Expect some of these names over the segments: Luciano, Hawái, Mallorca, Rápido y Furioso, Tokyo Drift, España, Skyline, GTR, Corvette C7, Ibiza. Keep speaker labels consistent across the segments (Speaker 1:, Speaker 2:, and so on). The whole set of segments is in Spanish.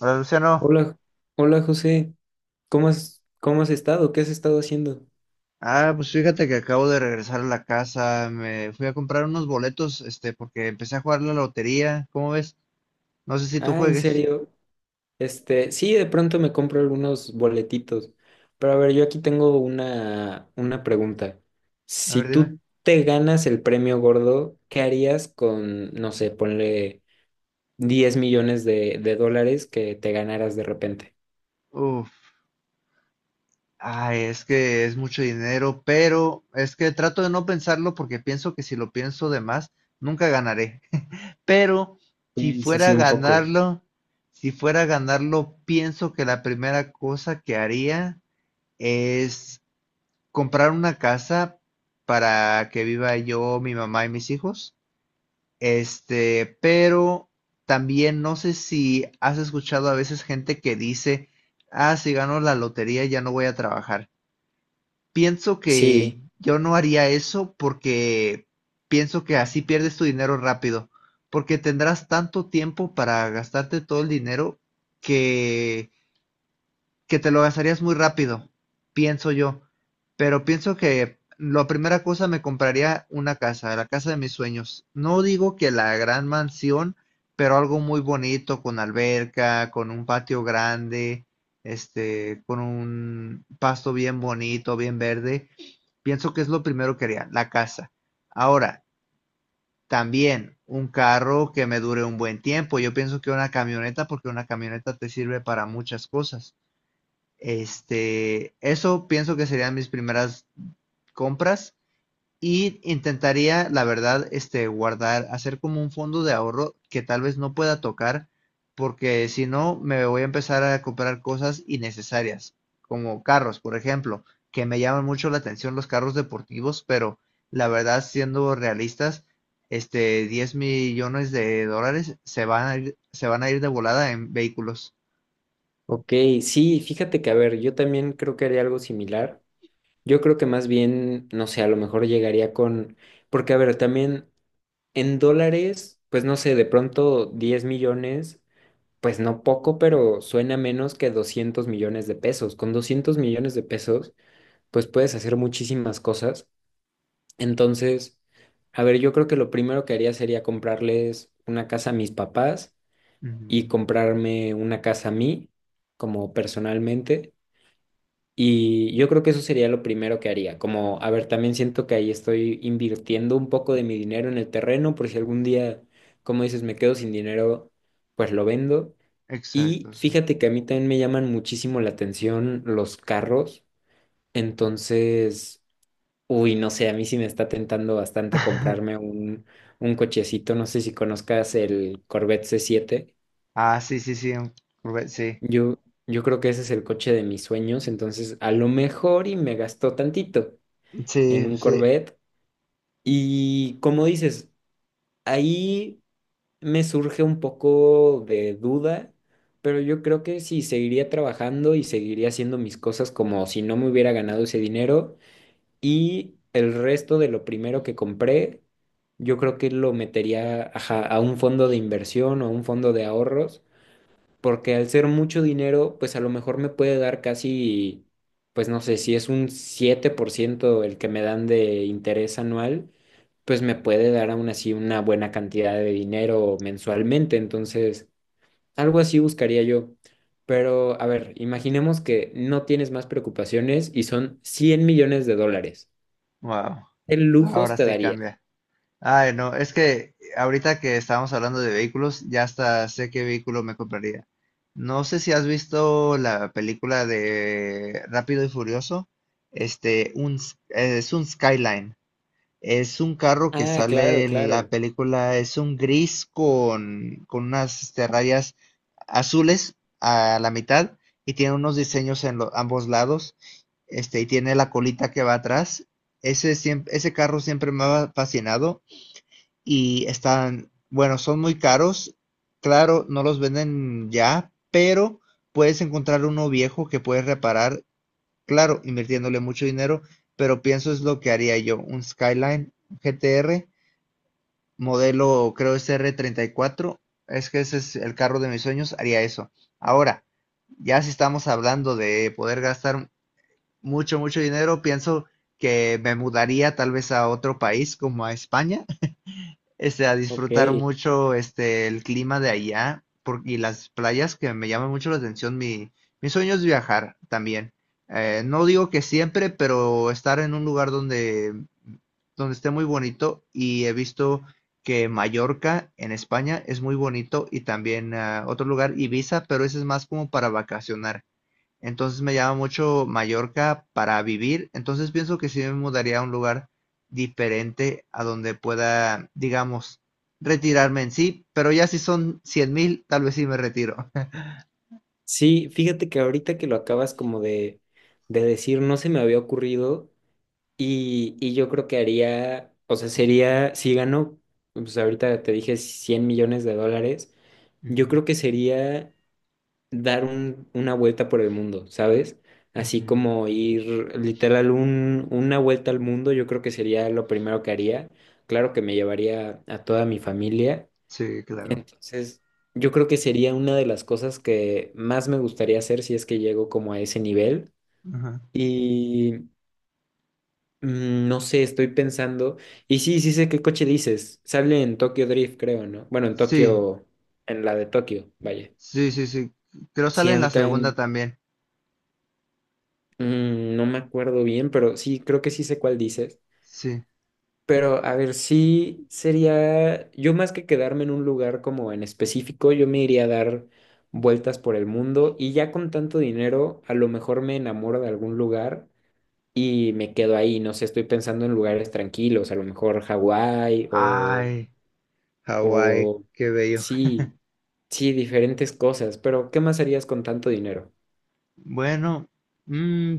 Speaker 1: Hola Luciano.
Speaker 2: Hola, hola José, ¿cómo has estado? ¿Qué has estado haciendo?
Speaker 1: Ah, pues fíjate que acabo de regresar a la casa. Me fui a comprar unos boletos, este, porque empecé a jugar la lotería. ¿Cómo ves? No sé si tú
Speaker 2: Ah, ¿en
Speaker 1: juegues.
Speaker 2: serio? Este, sí, de pronto me compro algunos boletitos, pero a ver, yo aquí tengo una pregunta.
Speaker 1: A
Speaker 2: Si
Speaker 1: ver, dime.
Speaker 2: tú te ganas el premio gordo, ¿qué harías con, no sé, ponle 10 millones de dólares que te ganaras de repente?
Speaker 1: Uf. Ay, es que es mucho dinero, pero es que trato de no pensarlo porque pienso que si lo pienso de más, nunca ganaré. Pero si
Speaker 2: Sí, sí,
Speaker 1: fuera a
Speaker 2: sí, un poco.
Speaker 1: ganarlo, si fuera a ganarlo, pienso que la primera cosa que haría es comprar una casa para que viva yo, mi mamá y mis hijos. Este, pero también no sé si has escuchado a veces gente que dice, ah, si gano la lotería ya no voy a trabajar. Pienso que
Speaker 2: Sí,
Speaker 1: yo no haría eso porque pienso que así pierdes tu dinero rápido, porque tendrás tanto tiempo para gastarte todo el dinero que que te lo gastarías muy rápido, pienso yo. Pero pienso que la primera cosa me compraría una casa, la casa de mis sueños. No digo que la gran mansión, pero algo muy bonito, con alberca, con un patio grande, este, con un pasto bien bonito, bien verde. Pienso que es lo primero que haría, la casa. Ahora, también un carro que me dure un buen tiempo. Yo pienso que una camioneta, porque una camioneta te sirve para muchas cosas. Este, eso pienso que serían mis primeras compras y intentaría, la verdad, este, guardar, hacer como un fondo de ahorro que tal vez no pueda tocar porque si no me voy a empezar a comprar cosas innecesarias, como carros, por ejemplo, que me llaman mucho la atención los carros deportivos, pero la verdad, siendo realistas, este 10 millones de dólares se van a ir, se van a ir de volada en vehículos.
Speaker 2: ok, sí, fíjate que, a ver, yo también creo que haría algo similar. Yo creo que más bien, no sé, a lo mejor llegaría con, porque a ver, también en dólares, pues no sé, de pronto 10 millones, pues no poco, pero suena menos que 200 millones de pesos. Con 200 millones de pesos, pues puedes hacer muchísimas cosas. Entonces, a ver, yo creo que lo primero que haría sería comprarles una casa a mis papás y
Speaker 1: Ujú.
Speaker 2: comprarme una casa a mí, como personalmente. Y yo creo que eso sería lo primero que haría. Como, a ver, también siento que ahí estoy invirtiendo un poco de mi dinero en el terreno, por si algún día, como dices, me quedo sin dinero, pues lo vendo. Y
Speaker 1: Exacto, sí.
Speaker 2: fíjate que a mí también me llaman muchísimo la atención los carros. Entonces, uy, no sé, a mí sí me está tentando bastante un cochecito. No sé si conozcas el Corvette C7.
Speaker 1: Ah, sí, sí, sí, sí.
Speaker 2: Yo, yo creo que ese es el coche de mis sueños. Entonces, a lo mejor y me gastó tantito en
Speaker 1: Sí,
Speaker 2: un
Speaker 1: sí.
Speaker 2: Corvette. Y como dices, ahí me surge un poco de duda, pero yo creo que sí, seguiría trabajando y seguiría haciendo mis cosas como si no me hubiera ganado ese dinero. Y el resto de lo primero que compré, yo creo que lo metería ajá, a un fondo de inversión o un fondo de ahorros porque al ser mucho dinero, pues a lo mejor me puede dar casi, pues no sé, si es un 7% el que me dan de interés anual, pues me puede dar aún así una buena cantidad de dinero mensualmente. Entonces, algo así buscaría yo. Pero, a ver, imaginemos que no tienes más preocupaciones y son 100 millones de dólares.
Speaker 1: Wow.
Speaker 2: ¿Qué
Speaker 1: Ahora
Speaker 2: lujos te
Speaker 1: sí
Speaker 2: darías?
Speaker 1: cambia. Ay, no, es que ahorita que estábamos hablando de vehículos, ya hasta sé qué vehículo me compraría. No sé si has visto la película de Rápido y Furioso. Es un Skyline. Es un carro que
Speaker 2: Ah,
Speaker 1: sale
Speaker 2: claro,
Speaker 1: en la
Speaker 2: claro.
Speaker 1: película, es un gris con unas este, rayas azules a la mitad y tiene unos diseños ambos lados, este, y tiene la colita que va atrás. Ese carro siempre me ha fascinado y están, bueno, son muy caros. Claro, no los venden ya, pero puedes encontrar uno viejo que puedes reparar claro, invirtiéndole mucho dinero, pero pienso es lo que haría yo, un Skyline GTR, modelo creo es R34, es que ese es el carro de mis sueños, haría eso. Ahora, ya si estamos hablando de poder gastar mucho, mucho dinero, pienso que me mudaría tal vez a otro país como a España este, a
Speaker 2: Ok.
Speaker 1: disfrutar mucho este, el clima de allá y las playas que me llaman mucho la atención. Mi sueño es viajar también. No digo que siempre, pero estar en un lugar donde, donde esté muy bonito y he visto que Mallorca en España es muy bonito y también ah, otro lugar, Ibiza, pero ese es más como para vacacionar. Entonces me llama mucho Mallorca para vivir. Entonces pienso que sí me mudaría a un lugar diferente a donde pueda, digamos, retirarme en sí. Pero ya si son 100 mil, tal vez sí me retiro.
Speaker 2: Sí, fíjate que ahorita que lo acabas como de decir, no se me había ocurrido y yo creo que haría, o sea, sería, si gano, pues ahorita te dije 100 millones de dólares, yo
Speaker 1: Ujú,
Speaker 2: creo que sería dar una vuelta por el mundo, ¿sabes? Así
Speaker 1: ujú.
Speaker 2: como ir literal una vuelta al mundo, yo creo que sería lo primero que haría. Claro que me llevaría a toda mi familia,
Speaker 1: Sí, claro.
Speaker 2: entonces, yo creo que sería una de las cosas que más me gustaría hacer si es que llego como a ese nivel.
Speaker 1: Ajá.
Speaker 2: Y mm, no sé, estoy pensando. Y sí, sí sé qué coche dices. Sale en Tokyo Drift, creo, ¿no? Bueno, en
Speaker 1: Sí,
Speaker 2: Tokio, en la de Tokio, vaya.
Speaker 1: sí, sí, sí. Creo
Speaker 2: Sí,
Speaker 1: sale
Speaker 2: a
Speaker 1: en
Speaker 2: mí
Speaker 1: la segunda
Speaker 2: también
Speaker 1: también.
Speaker 2: no me acuerdo bien, pero sí, creo que sí sé cuál dices.
Speaker 1: Sí.
Speaker 2: Pero a ver, sí sería, yo más que quedarme en un lugar como en específico, yo me iría a dar vueltas por el mundo y ya con tanto dinero, a lo mejor me enamoro de algún lugar y me quedo ahí, no sé, estoy pensando en lugares tranquilos, a lo mejor Hawái
Speaker 1: Ay, Hawái,
Speaker 2: o
Speaker 1: qué bello.
Speaker 2: sí, sí, diferentes cosas, pero ¿qué más harías con tanto dinero?
Speaker 1: Bueno, mm,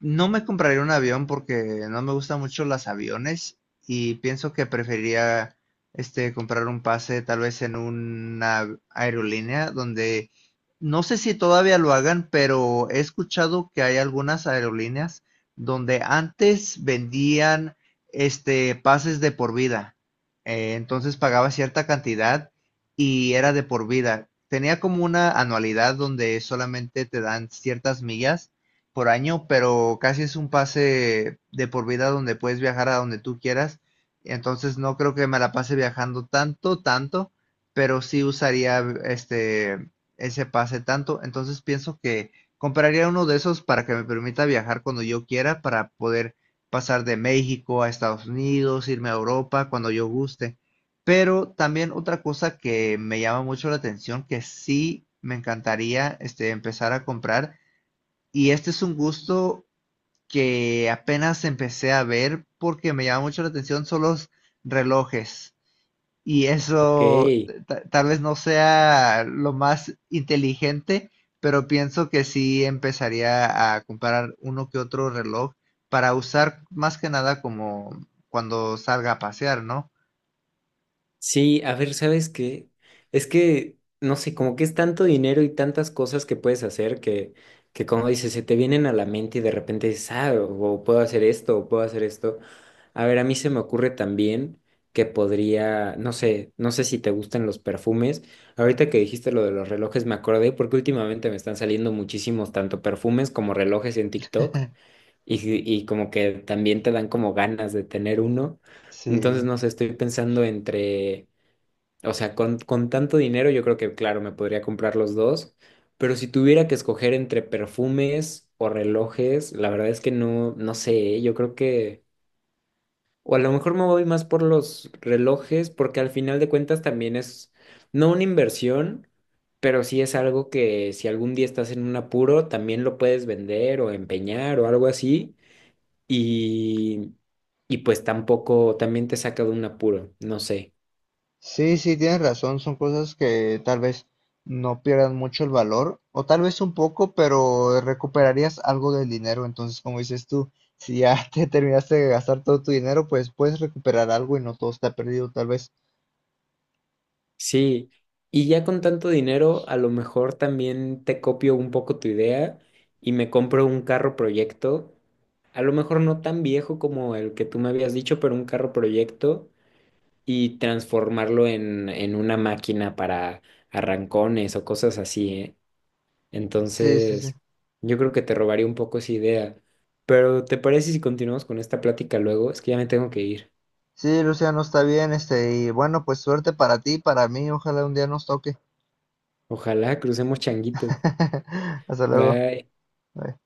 Speaker 1: no me compraría un avión porque no me gustan mucho los aviones y pienso que preferiría este comprar un pase tal vez en una aerolínea donde no sé si todavía lo hagan, pero he escuchado que hay algunas aerolíneas donde antes vendían este pases de por vida. Entonces pagaba cierta cantidad y era de por vida. Tenía como una anualidad donde solamente te dan ciertas millas por año, pero casi es un pase de por vida donde puedes viajar a donde tú quieras. Entonces no creo que me la pase viajando tanto, tanto, pero sí usaría este ese pase tanto. Entonces pienso que compraría uno de esos para que me permita viajar cuando yo quiera, para poder pasar de México a Estados Unidos, irme a Europa cuando yo guste. Pero también otra cosa que me llama mucho la atención, que sí me encantaría este, empezar a comprar, y este es un gusto que apenas empecé a ver porque me llama mucho la atención son los relojes. Y
Speaker 2: Ok.
Speaker 1: eso tal vez no sea lo más inteligente, pero pienso que sí empezaría a comprar uno que otro reloj para usar más que nada como cuando salga a pasear, ¿no?
Speaker 2: Sí, a ver, ¿sabes qué? Es que, no sé, como que es tanto dinero y tantas cosas que puedes hacer que como dices, se te vienen a la mente y de repente dices, ah, o puedo hacer esto, o puedo hacer esto. A ver, a mí se me ocurre también que podría, no sé, no sé si te gustan los perfumes. Ahorita que dijiste lo de los relojes, me acordé porque últimamente me están saliendo muchísimos, tanto perfumes como relojes en TikTok y, y como que también te dan como ganas de tener uno. Entonces,
Speaker 1: Sí.
Speaker 2: no sé, estoy pensando entre. O sea, con tanto dinero yo creo que, claro, me podría comprar los dos, pero si tuviera que escoger entre perfumes o relojes, la verdad es que no sé, ¿eh? Yo creo que, o a lo mejor me voy más por los relojes, porque al final de cuentas también es, no una inversión, pero sí es algo que si algún día estás en un apuro, también lo puedes vender o empeñar o algo así, y, y pues tampoco, también te saca de un apuro, no sé.
Speaker 1: Sí, sí, tienes razón, son cosas que tal vez no pierdan mucho el valor, o tal vez un poco, pero recuperarías algo del dinero. Entonces, como dices tú, si ya te terminaste de gastar todo tu dinero, pues puedes recuperar algo y no todo está perdido, tal vez.
Speaker 2: Sí, y ya con tanto dinero, a lo mejor también te copio un poco tu idea y me compro un carro proyecto, a lo mejor no tan viejo como el que tú me habías dicho, pero un carro proyecto y transformarlo en una máquina para arrancones o cosas así, ¿eh?
Speaker 1: Sí, sí, sí.
Speaker 2: Entonces, yo creo que te robaría un poco esa idea. Pero ¿te parece si continuamos con esta plática luego? Es que ya me tengo que ir.
Speaker 1: Sí, Luciano, está bien, este, y bueno, pues suerte para ti, para mí, ojalá un día nos toque.
Speaker 2: Ojalá crucemos changuitos.
Speaker 1: Hasta luego.
Speaker 2: Bye.
Speaker 1: Bye.